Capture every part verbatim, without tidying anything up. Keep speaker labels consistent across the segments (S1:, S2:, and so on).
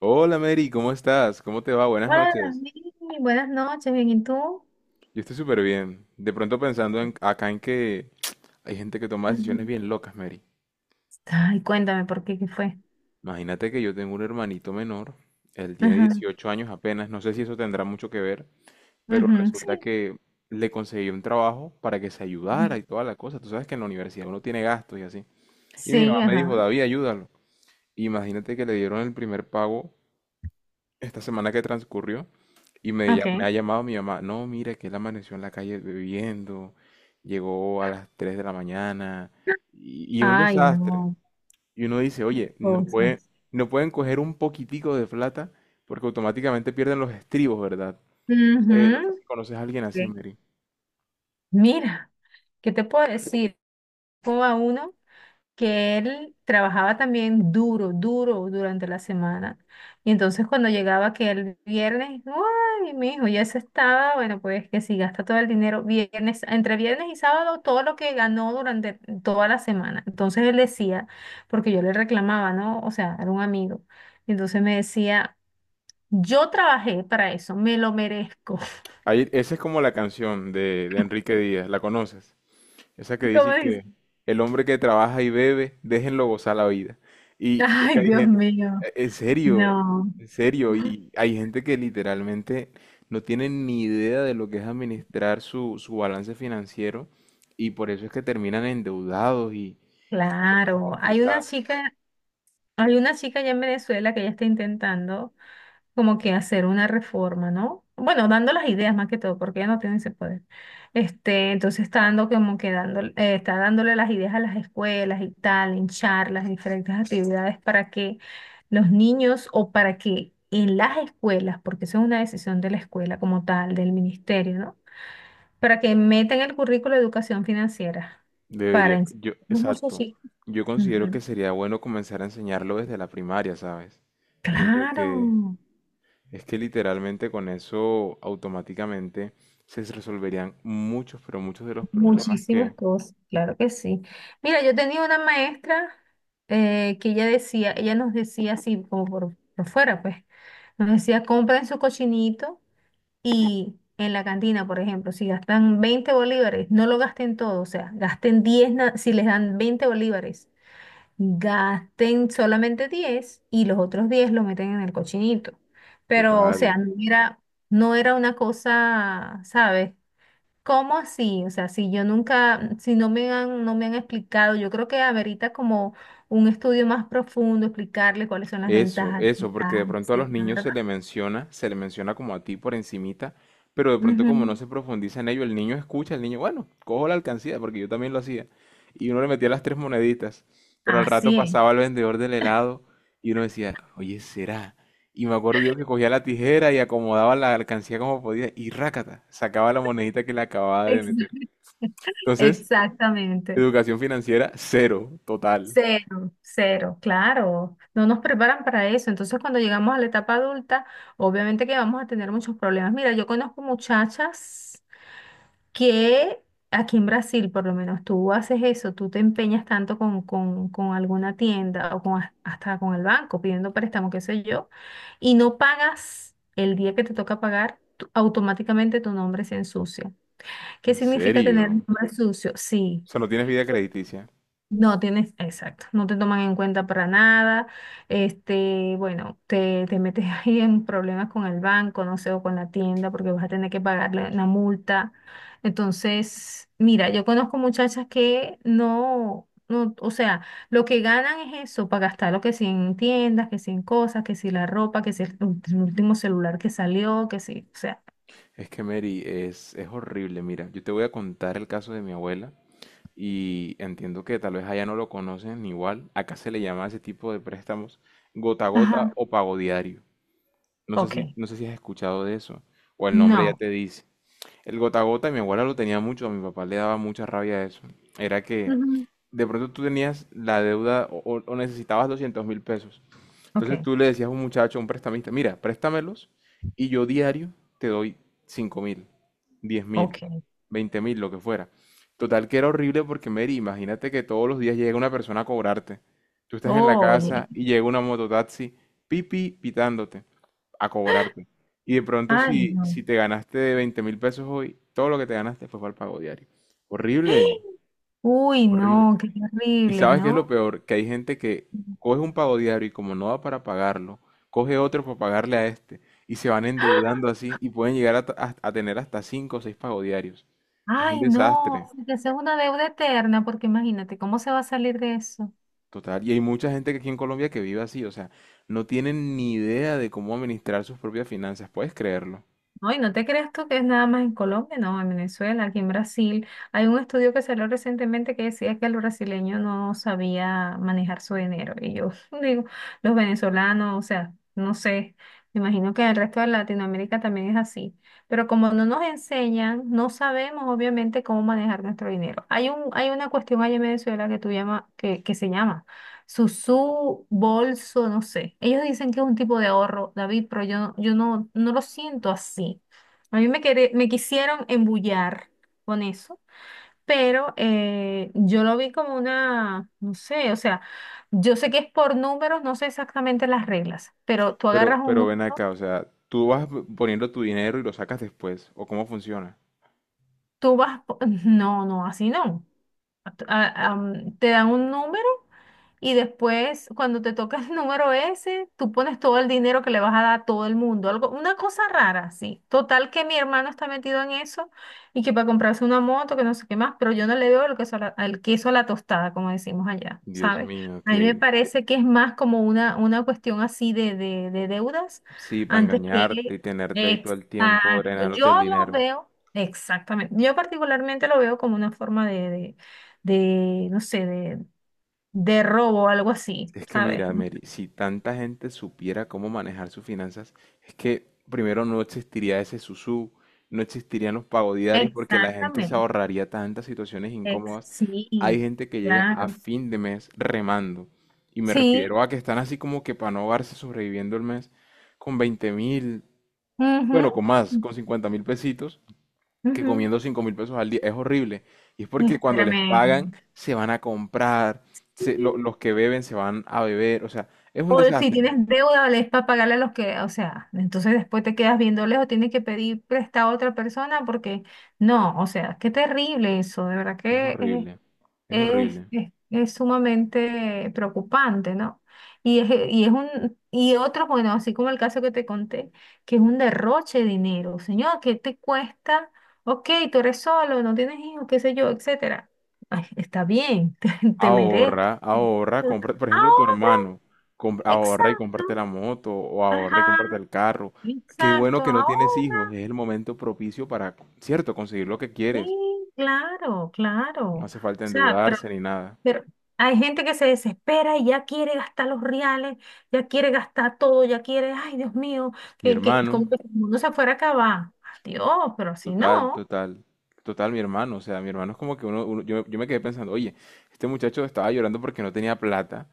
S1: Hola Mary, ¿cómo estás? ¿Cómo te va? Buenas
S2: Hola,
S1: noches.
S2: Dani. Buenas noches, bien, ¿y tú?
S1: Yo estoy súper bien. De pronto pensando en, acá en que hay gente que toma decisiones
S2: Ujú.
S1: bien locas, Mary.
S2: Ay, cuéntame por qué, qué fue.
S1: Imagínate que yo tengo un hermanito menor, él tiene
S2: Ajá.
S1: dieciocho años apenas, no sé si eso tendrá mucho que ver, pero
S2: Ujú,
S1: resulta
S2: sí.
S1: que le conseguí un trabajo para que se ayudara
S2: Ujú.
S1: y toda la cosa. Tú sabes que en la universidad uno tiene gastos y así. Y mi mamá
S2: Sí,
S1: me dijo,
S2: ajá.
S1: David, ayúdalo. Imagínate que le dieron el primer pago esta semana que transcurrió y me, lla- me ha
S2: Ok.
S1: llamado mi mamá, no, mira que él amaneció en la calle bebiendo, llegó a las tres de la mañana y, y un
S2: Ay,
S1: desastre.
S2: no,
S1: Y uno dice, oye, no puede,
S2: cosas.
S1: no pueden coger un poquitico de plata porque automáticamente pierden los estribos, ¿verdad? No sé, no sé
S2: Ujú.
S1: si conoces a alguien así,
S2: Ok.
S1: Mary.
S2: Mira, ¿qué te puedo decir? ¿Como a uno? Que él trabajaba también duro, duro durante la semana. Y entonces cuando llegaba que el viernes, ay, mi hijo, ya se estaba, bueno, pues que si gasta todo el dinero viernes, entre viernes y sábado, todo lo que ganó durante toda la semana. Entonces él decía, porque yo le reclamaba, ¿no? O sea, era un amigo. Y entonces me decía, yo trabajé para eso, me lo merezco.
S1: Ahí, esa es como la canción de, de Enrique Díaz, ¿la conoces? Esa que
S2: Como
S1: dice
S2: dice,
S1: que el hombre que trabaja y bebe, déjenlo gozar la vida. Y, y es que
S2: ay,
S1: hay
S2: Dios
S1: gente,
S2: mío,
S1: en serio,
S2: no.
S1: en serio, y hay gente que literalmente no tiene ni idea de lo que es administrar su, su balance financiero y por eso es que terminan endeudados y personas
S2: Claro, hay una
S1: complicadas.
S2: chica, hay una chica allá en Venezuela que ya está intentando como que hacer una reforma, ¿no? Bueno, dando las ideas más que todo, porque ella no tiene ese poder. Este, entonces está dando como que dando, eh, está dándole las ideas a las escuelas y tal, en charlas, diferentes actividades para que los niños o para que en las escuelas, porque eso es una decisión de la escuela como tal, del ministerio, ¿no? Para que metan el currículo de educación financiera para
S1: Debería,
S2: enseñar
S1: yo,
S2: a los
S1: exacto.
S2: muchachitos.
S1: Yo considero que
S2: Ujú.
S1: sería bueno comenzar a enseñarlo desde la primaria, ¿sabes? Desde
S2: Claro,
S1: que, es que literalmente con eso automáticamente se resolverían muchos, pero muchos de los problemas
S2: muchísimas
S1: que,
S2: cosas, claro que sí. Mira, yo tenía una maestra eh, que ella decía, ella nos decía así como por, por fuera, pues, nos decía, compren su cochinito, y en la cantina, por ejemplo, si gastan veinte bolívares, no lo gasten todo, o sea, gasten diez na- si les dan veinte bolívares, gasten solamente diez y los otros diez lo meten en el cochinito. Pero, o sea,
S1: total.
S2: no era, no era una cosa, ¿sabes? ¿Cómo así? O sea, si yo nunca, si no me han, no me han explicado, yo creo que amerita como un estudio más profundo, explicarle cuáles son las
S1: Eso,
S2: ventajas,
S1: eso, porque
S2: desventajas,
S1: de pronto a los
S2: etcétera,
S1: niños
S2: ¿verdad?
S1: se le menciona, se le menciona como a ti por encimita, pero de pronto como no
S2: Ujú.
S1: se profundiza en ello, el niño escucha, el niño, bueno, cojo la alcancía, porque yo también lo hacía, y uno le metía las tres moneditas, pero al rato
S2: Así es.
S1: pasaba el vendedor del helado y uno decía, oye, ¿será? Y me acuerdo yo que cogía la tijera y acomodaba la alcancía como podía y rácata, sacaba la monedita que le acababa de
S2: Ex-
S1: meter. Entonces,
S2: Exactamente.
S1: educación financiera, cero, total.
S2: Cero, cero, claro. No nos preparan para eso. Entonces, cuando llegamos a la etapa adulta, obviamente que vamos a tener muchos problemas. Mira, yo conozco muchachas que aquí en Brasil, por lo menos, tú haces eso, tú te empeñas tanto con, con- con alguna tienda o con, has- hasta con el banco pidiendo préstamo, qué sé yo, y no pagas el día que te toca pagar, tú- automáticamente tu nombre se ensucia. ¿Qué
S1: ¿En
S2: significa tener un
S1: serio?
S2: nombre sucio? Sí.
S1: O sea, no tienes vida crediticia.
S2: No tienes, exacto, no te toman en cuenta para nada. Este, bueno, te, te metes ahí en problemas con el banco, no sé, o con la tienda, porque vas a tener que pagarle una multa. Entonces, mira, yo conozco muchachas que no, no, o sea, lo que ganan es eso, para gastar lo que si en tiendas, que si en cosas, que si la ropa, que si el ulti- último celular que salió, que si, o sea,
S1: Es que Mary, es, es horrible. Mira, yo te voy a contar el caso de mi abuela y entiendo que tal vez allá no lo conocen igual. Acá se le llama a ese tipo de préstamos gota a
S2: ajá,
S1: gota o pago diario. No sé
S2: ok,
S1: si, no sé si has escuchado de eso o el nombre ya
S2: no,
S1: te dice. El gota a gota, mi abuela lo tenía mucho, a mi papá le daba mucha rabia eso. Era que
S2: ujú,
S1: de pronto tú tenías la deuda o, o- o necesitabas doscientos mil pesos, entonces
S2: ok,
S1: tú le decías a un muchacho, a un prestamista, mira, préstamelos y yo diario te doy cinco mil, diez mil,
S2: ok,
S1: veinte mil, lo que fuera. Total que era horrible porque Mary, imagínate que todos los días llega una persona a cobrarte. Tú estás en la
S2: oye,
S1: casa y llega una mototaxi, pipi, pitándote, a cobrarte. Y de pronto
S2: ay,
S1: si, si
S2: no.
S1: te ganaste veinte mil pesos hoy, todo lo que te ganaste fue para el pago diario. Horrible,
S2: Uy,
S1: horrible.
S2: no, qué
S1: Y
S2: terrible,
S1: sabes qué es lo
S2: ¿no?
S1: peor, que hay gente que coge un pago diario y como no da para pagarlo, coge otro para pagarle a este y se van
S2: ¡Ah!
S1: endeudando así y pueden llegar a, ta- a- a tener hasta cinco o seis pagos diarios. Es un
S2: Ay, no,
S1: desastre,
S2: que sea una deuda eterna, porque imagínate, ¿cómo se va a salir de eso?
S1: total. Y hay mucha gente que aquí en Colombia que vive así, o sea, no tienen ni idea de cómo administrar sus propias finanzas, puedes creerlo.
S2: No, y no te creas tú que es nada más en Colombia, no, en Venezuela, aquí en Brasil. Hay un estudio que salió recientemente que decía que el brasileño no sabía manejar su dinero. Y yo digo, los venezolanos, o sea, no sé, me imagino que en el resto de Latinoamérica también es así. Pero como no nos enseñan, no sabemos obviamente cómo manejar nuestro dinero. Hay un, hay una cuestión allá en Venezuela que tú llama, que, que se llama. Susú, bolso, no sé. Ellos dicen que es un tipo de ahorro, David, pero yo, no- yo no, no lo siento así. A mí me, quere- me quisieron embullar con eso, pero eh, yo lo vi como una, no sé, o sea, yo sé que es por números, no sé exactamente las reglas, pero tú
S1: Pero,
S2: agarras
S1: claro,
S2: un
S1: pero ven
S2: número,
S1: acá, o sea, tú vas p- poniendo tu dinero y lo sacas después, ¿o cómo funciona?
S2: tú vas, po- no, no, así no. A- a- am, te dan un número. Y después, cuando te toca el número ese, tú pones todo el dinero que le vas a dar a todo el mundo. Algo, una cosa rara, sí. Total que mi hermano está metido en eso y que para comprarse una moto, que no sé qué más, pero yo no le veo el queso a la, el queso a la tostada, como decimos allá,
S1: Dios
S2: ¿sabes?
S1: mío,
S2: A mí me
S1: que
S2: parece que es más como una, una cuestión así de, de, de deudas
S1: sí, para
S2: antes
S1: engañarte y
S2: que...
S1: tenerte ahí todo el tiempo,
S2: Exacto.
S1: drenándote
S2: Yo
S1: el
S2: lo
S1: dinero.
S2: veo, exactamente. Yo particularmente lo veo como una forma de de- de, no sé, de, de robo, algo así,
S1: Es que
S2: ¿sabes?
S1: mira,
S2: ¿No?
S1: Mary, si tanta gente supiera cómo manejar sus finanzas, es que primero no existiría ese susú, no existirían los pagos diarios porque la gente se
S2: Exactamente.
S1: ahorraría tantas situaciones
S2: Ex-
S1: incómodas.
S2: sí,
S1: Hay gente que llega a
S2: claro.
S1: fin de mes remando y me
S2: Sí.
S1: refiero a que están así como que para no ahogarse sobreviviendo el mes con veinte mil, bueno,
S2: Ujú,
S1: con más, con cincuenta mil pesitos, que
S2: ujú.
S1: comiendo cinco mil pesos al día. Es horrible. Y es porque cuando les
S2: Espérame.
S1: pagan, se van a comprar, se- lo- los que beben se van a beber. O sea, es un
S2: O si tienes
S1: desastre.
S2: deuda, le es para pagarle a los que, o sea, entonces después te quedas viéndoles o tienes que pedir prestado a otra persona porque no, o sea, qué terrible eso, de verdad
S1: Es
S2: que es
S1: horrible. Es
S2: es,
S1: horrible.
S2: es- es sumamente preocupante, ¿no? Y es, y es un, y otro, bueno, así como el caso que te conté, que es un derroche de dinero. Señor, ¿qué te cuesta? Ok, tú eres solo, no tienes hijos, qué sé yo, etcétera. Ay, está bien, te, te mereces.
S1: Ahorra, ahorra, compra, por ejemplo, tu
S2: Ahorra,
S1: hermano, compra- ahorra y
S2: exacto,
S1: comparte la moto o ahorra y
S2: ajá,
S1: comparte el carro. Qué bueno
S2: exacto,
S1: que no tienes hijos,
S2: ahorra.
S1: es el momento propicio para, cierto, conseguir lo que
S2: Sí,
S1: quieres.
S2: claro, claro.
S1: No
S2: O
S1: hace falta
S2: sea, pero
S1: endeudarse ni nada.
S2: Pero hay gente que se desespera y ya quiere gastar los reales, ya quiere gastar todo, ya quiere, ay, Dios mío,
S1: Mi
S2: que, que
S1: hermano,
S2: como que si el mundo se fuera a acabar. Dios, pero si
S1: total,
S2: no,
S1: total, total, mi hermano. O sea, mi hermano es como que uno, uno- yo, yo me quedé pensando, oye, este muchacho estaba llorando porque no tenía plata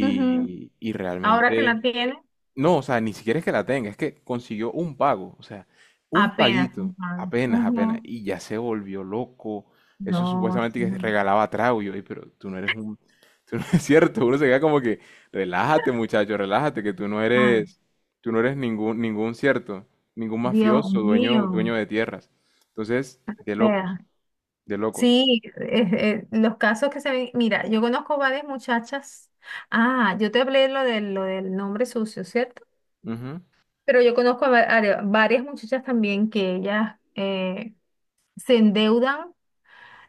S2: ujú,
S1: y
S2: ahora que
S1: realmente
S2: la tiene,
S1: no, o sea, ni siquiera es que la tenga, es que consiguió un pago, o sea, un
S2: apenas
S1: paguito,
S2: comprado.
S1: apenas, apenas,
S2: Ujú.
S1: y ya se volvió loco. Eso
S2: No,
S1: supuestamente que
S2: sí,
S1: regalaba trago, y yo, "Ey, pero tú no eres un, tú no es cierto, uno se queda como que, relájate muchacho, relájate, que tú no
S2: ay,
S1: eres, tú no eres ningún, ningún cierto, ningún
S2: Dios
S1: mafioso,
S2: mío.
S1: dueño,
S2: O
S1: dueño de tierras. Entonces, de locos,
S2: sea,
S1: de locos.
S2: sí, eh, eh, los casos que se ven, mira, yo conozco varias muchachas. Ah, yo te hablé lo del, lo del nombre sucio, ¿cierto?
S1: Ujú.
S2: Pero yo conozco a, va- a varias muchachas también que ellas eh, se endeudan,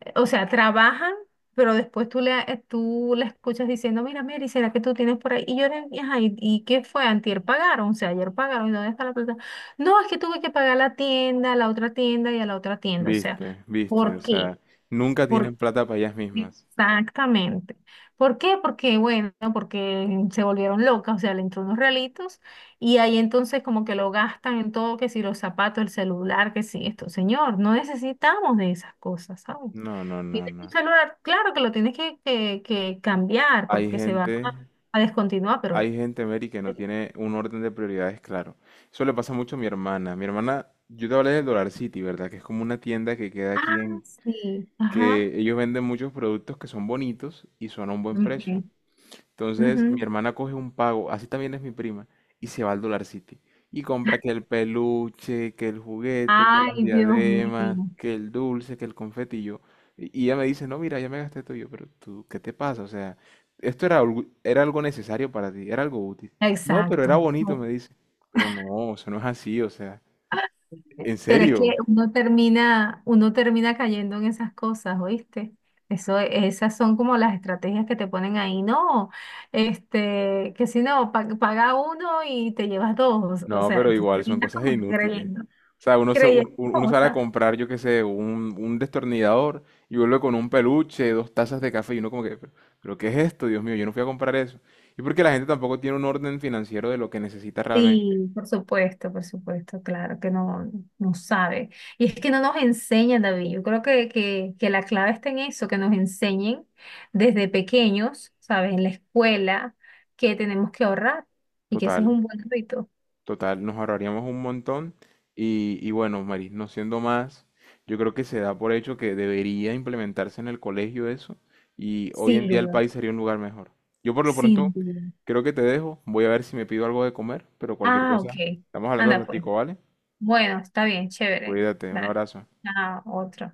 S2: eh, o sea, trabajan, pero después tú, le, eh, tú la escuchas diciendo, mira, Mary, ¿será que tú tienes por ahí? Y yo le dije: "Ajá, ¿y, y qué fue? Antier pagaron, o sea, ayer pagaron, ¿y dónde está la plata? No, es que tuve que pagar la tienda, la otra tienda y a la otra tienda, o sea,
S1: Viste, viste,
S2: ¿por
S1: o
S2: qué?".
S1: sea, nunca tienen plata para ellas mismas.
S2: Exactamente. ¿Por qué? Porque, bueno, porque se volvieron locas, o sea, le entró unos realitos y ahí entonces como que lo gastan en todo, que si los zapatos, el celular, que si esto. Señor, no necesitamos de esas cosas, ¿sabes?
S1: No, no, no,
S2: Tienes un
S1: no.
S2: celular, claro que lo tienes que, que, que cambiar
S1: Hay
S2: porque se va
S1: gente.
S2: a, a descontinuar, pero...
S1: Hay gente, Mary, que no tiene un orden de prioridades claro. Eso le pasa mucho a mi hermana. Mi hermana, yo te hablé del Dollar City, ¿verdad? Que es como una tienda que queda
S2: Ah,
S1: aquí en...
S2: sí, ajá.
S1: Que ellos venden muchos productos que son bonitos y son a un buen precio.
S2: Ok,
S1: Entonces, mi
S2: ujú.
S1: hermana coge un pago, así también es mi prima, y se va al Dollar City. Y compra que el peluche, que el juguete, que
S2: Ay,
S1: las
S2: Dios mío.
S1: diademas, que el dulce, que el confeti. Y yo, y y ella me dice, no, mira, ya me gasté todo. Y yo, pero tú, ¿qué te pasa? O sea, esto era algo, era algo necesario para ti, era algo útil. No, pero era
S2: Exacto.
S1: bonito, me dice. Pero no, eso no es así, o sea, en
S2: Pero es que
S1: serio.
S2: uno termina, uno termina cayendo en esas cosas, ¿oíste? Eso, esas son como las estrategias que te ponen ahí, no, este, que si no, pa- paga uno y te llevas dos, o
S1: No, pero
S2: sea, tú
S1: igual son
S2: terminas
S1: cosas
S2: como
S1: inútiles.
S2: creyendo,
S1: O sea, uno, se-
S2: creyendo
S1: un- un- uno sale a
S2: cosas.
S1: comprar, yo qué sé, un, un destornillador y vuelve con un peluche, dos tazas de café y uno como que, pero, pero ¿qué es esto? Dios mío, yo no fui a comprar eso. Y porque la gente tampoco tiene un orden financiero de lo que necesita realmente.
S2: Sí, por supuesto, por supuesto, claro que no, no sabe. Y es que no nos enseñan, David. Yo creo que, que, que la clave está en eso, que nos enseñen desde pequeños, ¿sabes? En la escuela, que tenemos que ahorrar y que ese es
S1: Total.
S2: un buen hábito.
S1: Total, nos ahorraríamos un montón. Y, y bueno, Maris, no siendo más, yo creo que se da por hecho que debería implementarse en el colegio eso. Y hoy en
S2: Sin
S1: día el
S2: duda,
S1: país sería un lugar mejor. Yo por lo pronto
S2: sin duda.
S1: creo que te dejo. Voy a ver si me pido algo de comer, pero cualquier
S2: Ah, ok.
S1: cosa. Estamos hablando al
S2: Anda pues.
S1: ratico, ¿vale?
S2: Bueno, está bien, chévere.
S1: Cuídate, un
S2: Dale,
S1: abrazo.
S2: ah, otro.